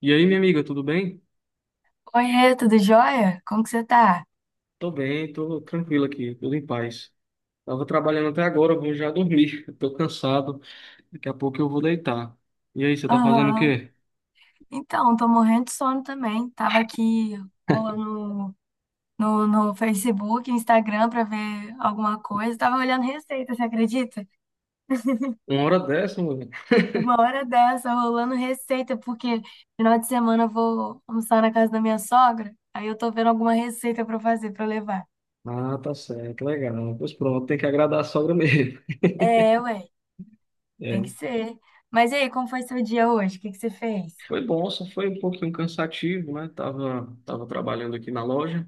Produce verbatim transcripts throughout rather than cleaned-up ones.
E aí, minha amiga, tudo bem? Oiê, tudo jóia? Como que você tá? Tô bem, tô tranquilo aqui, tudo em paz. Tava trabalhando até agora, vou já dormir. Tô cansado, daqui a pouco eu vou deitar. E aí, você tá fazendo o Aham. quê? Então, tô morrendo de sono também. Tava aqui rolando no, no Facebook, Instagram pra ver alguma coisa. Tava olhando receita, você acredita? Uma hora dessa, mano? Uma hora dessa, rolando receita, porque final de semana eu vou almoçar na casa da minha sogra. Aí eu tô vendo alguma receita pra fazer, pra levar. Ah, tá certo, legal. Pois pronto, tem que agradar a sogra mesmo. É, ué, tem que É. ser. Mas e aí, como foi seu dia hoje? O que que você fez? Foi bom, só foi um pouquinho cansativo, né? Tava, tava trabalhando aqui na loja,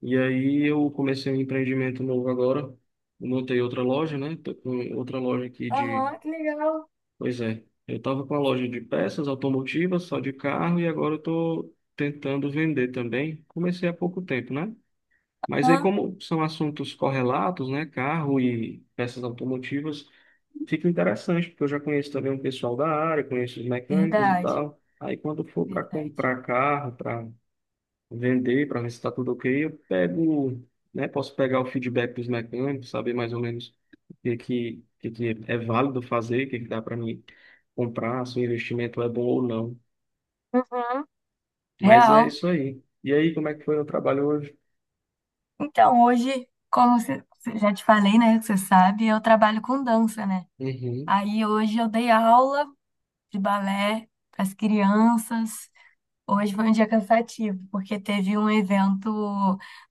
e aí eu comecei um empreendimento novo agora. Montei outra loja, né? Tô com outra loja aqui de... Aham, que legal. Pois é, eu estava com a loja de peças automotivas, só de carro, e agora eu estou tentando vender também. Comecei há pouco tempo, né? Mas aí, Hã? como são assuntos correlatos, né? Carro e peças automotivas, fica interessante, porque eu já conheço também um pessoal da área, conheço os mecânicos e Verdade, tal. Aí, quando for para verdade. comprar carro, para vender, para ver se está tudo ok, eu pego, né? Posso pegar o feedback dos mecânicos, saber mais ou menos o que que, o que que é válido fazer, o que que dá para mim comprar, se o investimento é bom ou não. Uhum. Mas é Real. isso aí. E aí, como é que foi o trabalho hoje? Então, hoje, como você, você- já te falei, né, que você sabe, eu trabalho com dança, né? Uhum, Aí hoje eu dei aula de balé para as crianças. Hoje foi um dia cansativo, porque teve um evento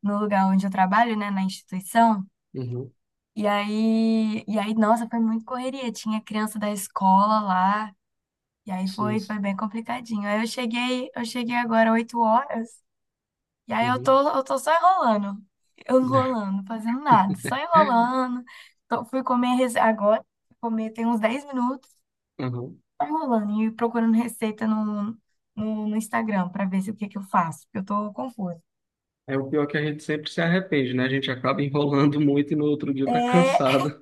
no lugar onde eu trabalho, né, na instituição. uhum, E aí, e aí, nossa, foi muito correria. Tinha criança da escola lá, e aí sim, foi, foi sim. bem complicadinho. Aí eu cheguei, eu cheguei agora oito horas. E aí eu Uhum. tô, eu tô só enrolando, eu enrolando, fazendo nada, só enrolando. Tô- fui comer rece- agora, fui comer tem uns dez minutos, Uhum. só enrolando e procurando receita no, no, no Instagram pra ver se o que que eu faço, porque eu tô confusa. É o pior que a gente sempre se arrepende, né? A gente acaba enrolando muito e no outro dia tá É, cansado.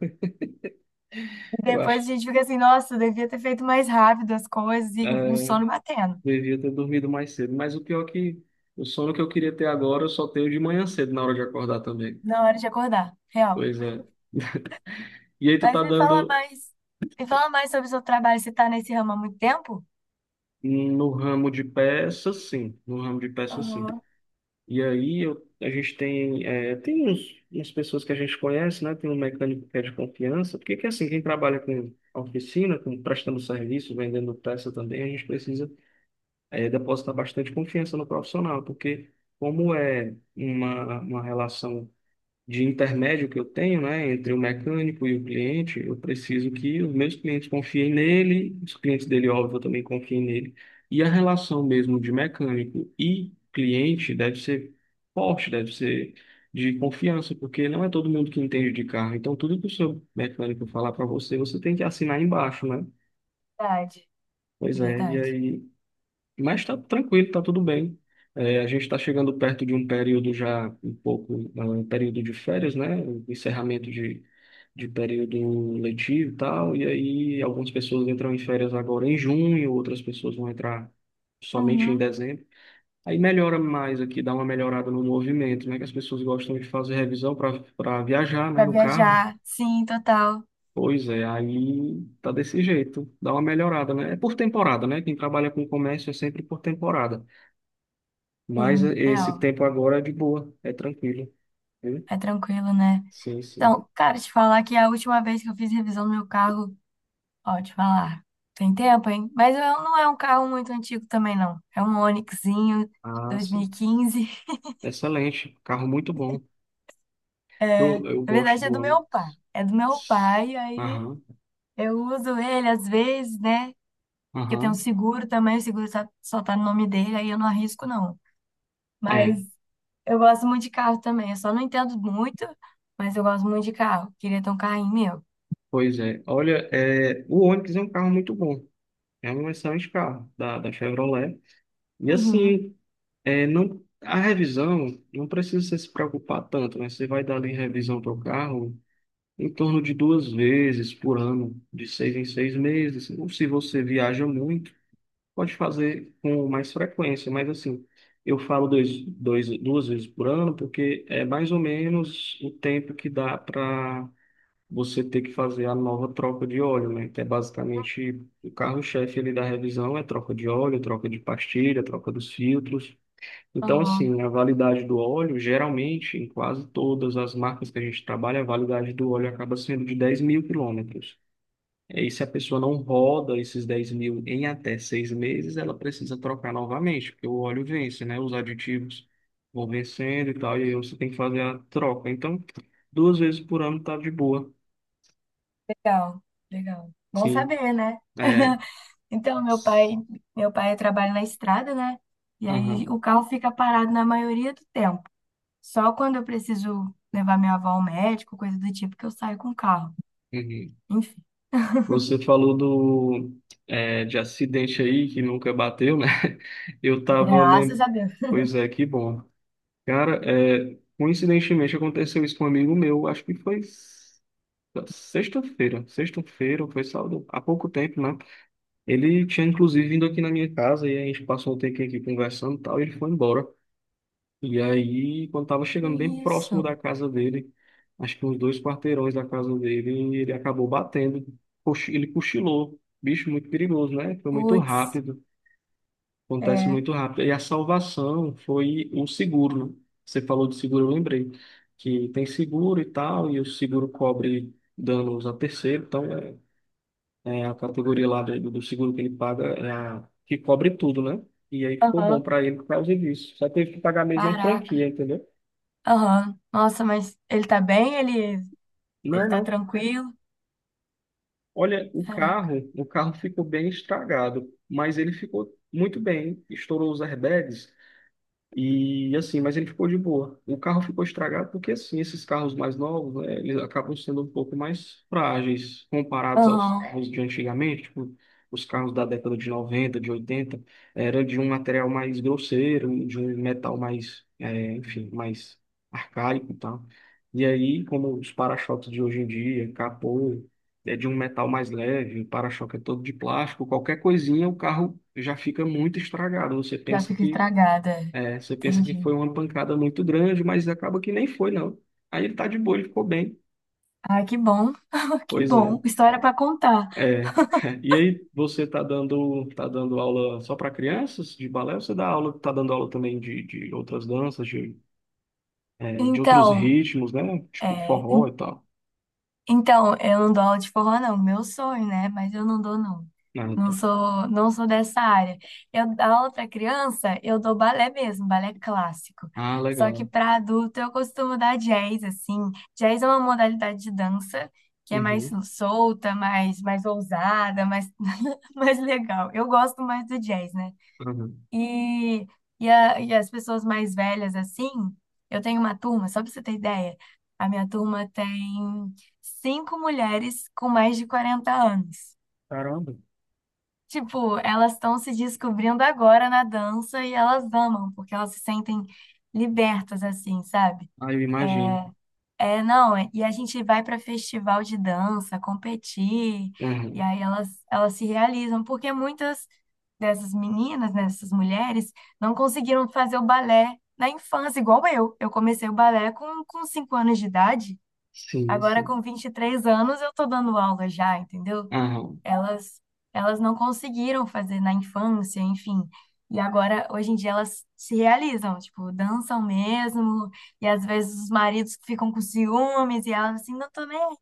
e Eu acho. depois a gente fica assim, nossa, eu devia ter feito mais rápido as coisas e o É, sono batendo devia ter dormido mais cedo, mas o pior é que o sono que eu queria ter agora eu só tenho de manhã cedo, na hora de acordar também. na hora de acordar, real. Pois é. E aí tu Mas tá me fala dando mais, Me fala mais sobre o seu trabalho, você tá nesse ramo há muito tempo? no ramo de peças, sim, no ramo de peças, sim. Uhum. E aí eu, a gente tem, é, tem uns, umas pessoas que a gente conhece, né? Tem um mecânico que é de confiança, porque que assim, quem trabalha com oficina, com prestando serviço, vendendo peça também, a gente precisa, é, depositar bastante confiança no profissional, porque como é uma, uma relação de intermédio que eu tenho, né, entre o mecânico e o cliente, eu preciso que os meus clientes confiem nele, os clientes dele, óbvio, também confiem nele. E a relação mesmo de mecânico e cliente deve ser forte, deve ser de confiança, porque não é todo mundo que entende de carro. Então, tudo que o seu mecânico falar para você, você tem que assinar embaixo, né? Verdade, Pois é, e verdade. aí mas está tranquilo, está tudo bem. É, a gente está chegando perto de um período já um pouco, ah, um período de férias, né? O encerramento de, de período letivo e tal. E aí algumas pessoas entram em férias agora em junho, outras pessoas vão entrar somente em Uhum. dezembro. Aí melhora mais aqui, dá uma melhorada no movimento, né? Que as pessoas gostam de fazer revisão para para viajar, né? Pra No carro. viajar. Sim, total. Pois é, aí tá desse jeito, dá uma melhorada, né? É por temporada, né? Quem trabalha com comércio é sempre por temporada. Mas Sim, esse real. tempo agora é de boa, é tranquilo. Viu? É tranquilo, né? Sim, sim. Então, cara, te falar que a última vez que eu fiz revisão no meu carro, ó, te falar, tem tempo, hein? Mas eu- não é um carro muito antigo também, não. É um Onixzinho Ah, sim. dois mil e quinze. Excelente. Carro muito bom. É, Eu, eu na gosto verdade, é do do meu pai. Ônibus. É do meu pai, aí Aham, eu uso ele às vezes, né? Que eu tenho um aham. seguro também, o seguro só, só tá no nome dele, aí eu não arrisco, não. Mas. É, Eu gosto muito de carro também. Eu só não entendo muito, mas eu gosto muito de carro. Queria ter um carrinho meu. pois é. Olha, é, o Onix é um carro muito bom. É um excelente carro da, da Chevrolet. E Uhum. assim, é, não, a revisão, não precisa você se preocupar tanto, né? Você vai dar ali revisão para o carro em torno de duas vezes por ano, de seis em seis meses. Ou se você viaja muito, pode fazer com mais frequência, mas assim, eu falo dois, dois, duas vezes por ano, porque é mais ou menos o tempo que dá para você ter que fazer a nova troca de óleo, né? Que é basicamente o carro-chefe ali da revisão é troca de óleo, troca de pastilha, troca dos filtros. Então, Aham. assim, a validade do óleo, geralmente, em quase todas as marcas que a gente trabalha, a validade do óleo acaba sendo de dez mil quilômetros. É, e se a pessoa não roda esses dez mil em até seis meses, ela precisa trocar novamente, porque o óleo vence, né? Os aditivos vão vencendo e tal, e aí você tem que fazer a troca. Então, duas vezes por ano tá de boa. Legal, legal. Bom Sim, saber, né? é. Então, meu pai, meu pai trabalha na estrada, né? E aí Aham, o carro fica parado na maioria do tempo. Só quando eu preciso levar minha avó ao médico, coisa do tipo, que eu saio com o carro. uhum. Enfim, Você falou do, é, de acidente aí que nunca bateu, né? Eu tava graças a lembrando. Deus. Pois é, que bom. Cara, é, coincidentemente aconteceu isso com um amigo meu, acho que foi... Sexta-feira, sexta-feira, foi sábado, há pouco tempo, né? Ele tinha inclusive vindo aqui na minha casa e a gente passou um tempo aqui conversando e tal, e ele foi embora. E aí, quando tava chegando bem próximo Isso. da casa dele, acho que uns dois quarteirões da casa dele, ele acabou batendo, cochi- ele cochilou. Bicho muito perigoso, né? Foi muito Putz. rápido, acontece É. muito rápido. E a salvação foi o seguro, né? Você falou de seguro, eu lembrei, que tem seguro e tal, e o seguro cobre danos a terceiro, então. é é a categoria lá do, do seguro que ele paga, é a que cobre tudo, né? E aí ficou bom Aham. para ele por causa disso. Só teve que pagar mesmo a Caraca. franquia, entendeu? Aham. Nossa, mas ele tá bem? Ele, Não, ele é, tá não. tranquilo? Olha, o Caraca. carro, o carro ficou bem estragado, mas ele ficou muito bem. Estourou os airbags. E assim, mas ele ficou de boa. O carro ficou estragado porque assim, esses carros mais novos, né, eles acabam sendo um pouco mais frágeis comparados aos Aham. carros de antigamente, tipo, os carros da década de noventa, de oitenta, era de um material mais grosseiro, de um metal mais, é, enfim, mais arcaico e tal. E aí, como os para-choques de hoje em dia, capô, é de um metal mais leve, o para-choque é todo de plástico, qualquer coisinha, o carro já fica muito estragado. Você Já pensa fica que estragada. É. é, você pensa que foi Entendi. uma pancada muito grande, mas acaba que nem foi, não. Aí ele tá de boa, ele ficou bem. Ai, que bom. Que Pois bom. é. História pra contar. É. E aí, você tá dando, tá dando aula só para crianças de balé? Ou você dá aula, tá dando aula também de, de outras danças, de, é, de outros Então, ritmos, né? Tipo é, forró e tal. Então, eu não dou aula de forró, não. Meu sonho, né? Mas eu não dou, não. Ah, Não tá. sou, não sou dessa área. Eu dou aula para criança, eu dou balé mesmo, balé clássico. Ah, Só que legal. para adulto eu costumo dar jazz, assim. Jazz é uma modalidade de dança que é mais Uhum, solta, mais, mais ousada, mais, mais legal. Eu gosto mais do jazz, né? uhum. E, e, a- e as pessoas mais velhas, assim, eu tenho uma turma, só pra você ter ideia, a minha turma tem cinco mulheres com mais de quarenta anos. Caramba. Tipo, elas estão se descobrindo agora na dança e elas amam, porque elas se sentem libertas, assim, sabe? Ah, eu imagino. É, não, é, E a gente vai para festival de dança, competir, e Aham. aí elas, elas se realizam, porque muitas dessas meninas, né, dessas mulheres, não conseguiram fazer o balé na infância, igual eu. Eu comecei o balé com, com cinco anos de idade, Sim, agora sim. com vinte e três anos eu tô dando aula já, entendeu? Aham. elas Elas não conseguiram fazer na infância, enfim. E agora, hoje em dia, elas se realizam, tipo, dançam mesmo, e às vezes os maridos ficam com ciúmes, e elas assim, "não tô nem aí."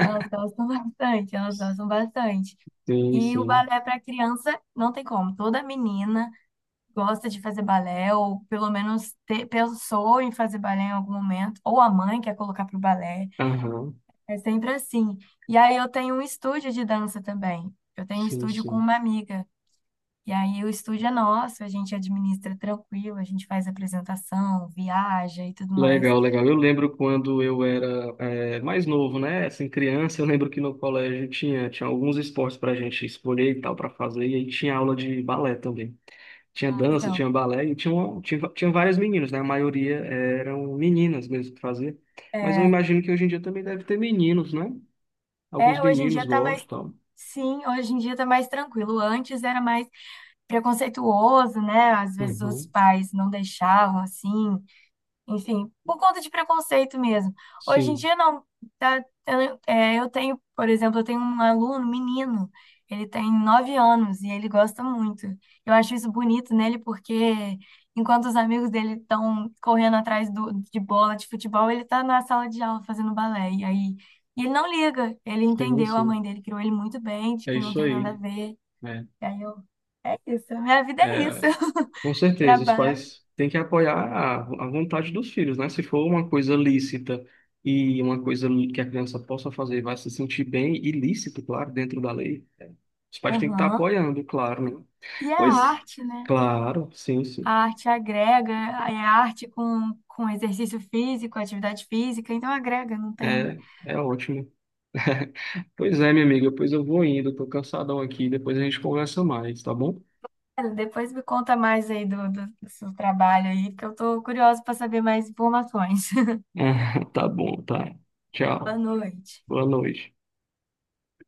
Elas gostam bastante, elas gostam bastante. Sim, E o sim. balé para criança não tem como. Toda menina gosta de fazer balé, ou pelo menos te- pensou em fazer balé em algum momento, ou a mãe quer colocar para o balé. Aham. É sempre assim. E aí eu tenho um estúdio de dança também. Eu tenho um Sim, estúdio com sim. uma amiga. E aí o estúdio é nosso, a gente administra tranquilo, a gente faz apresentação, viaja e tudo mais. Legal, legal. Eu lembro quando eu era eh, mais novo, né? Assim, criança, eu lembro que no colégio tinha, tinha alguns esportes para a gente escolher e tal para fazer, e aí tinha aula de balé também. Tinha Ah, dança, legal. tinha balé, e tinha, uma- tinha, tinha várias meninas, né? A maioria eram meninas mesmo que fazia. Mas eu É, imagino que hoje em dia também deve ter meninos, né? Alguns é, hoje em dia meninos tá mais. gostam e Sim, hoje em dia tá mais tranquilo. Antes era mais preconceituoso, né? Às tal. vezes os Uhum. pais não deixavam assim. Enfim, por conta de preconceito mesmo. Hoje em Sim, dia, não. Tá, eu, é, eu tenho, por exemplo, eu tenho um aluno, menino, ele tem nove anos e ele gosta muito. Eu acho isso bonito nele porque, enquanto os amigos dele estão correndo atrás do, de bola, de futebol, ele tá na sala de aula fazendo balé. E aí, e ele não liga, ele sim, entendeu, a mãe sim. dele criou ele muito bem, de É que não isso tem nada a aí, ver. né? E aí eu, é isso, a minha vida é isso. Com certeza, os Trabalho. pais têm que apoiar a, a vontade dos filhos, né? Se for uma coisa lícita e uma coisa que a criança possa fazer, e vai se sentir bem e lícito, claro, dentro da lei, os pais têm que estar Aham. apoiando, claro, né? E a Pois, arte, né? claro, sim, sim. A arte agrega, é arte com, com exercício físico, atividade física, então agrega, não tem. É, é ótimo. Pois é, minha amiga, pois eu vou indo, tô cansadão aqui, depois a gente conversa mais, tá bom? Depois me conta mais aí do, do, do seu trabalho aí, porque eu tô curiosa para saber mais informações. Tá bom, tá. Boa Tchau. noite. Boa noite.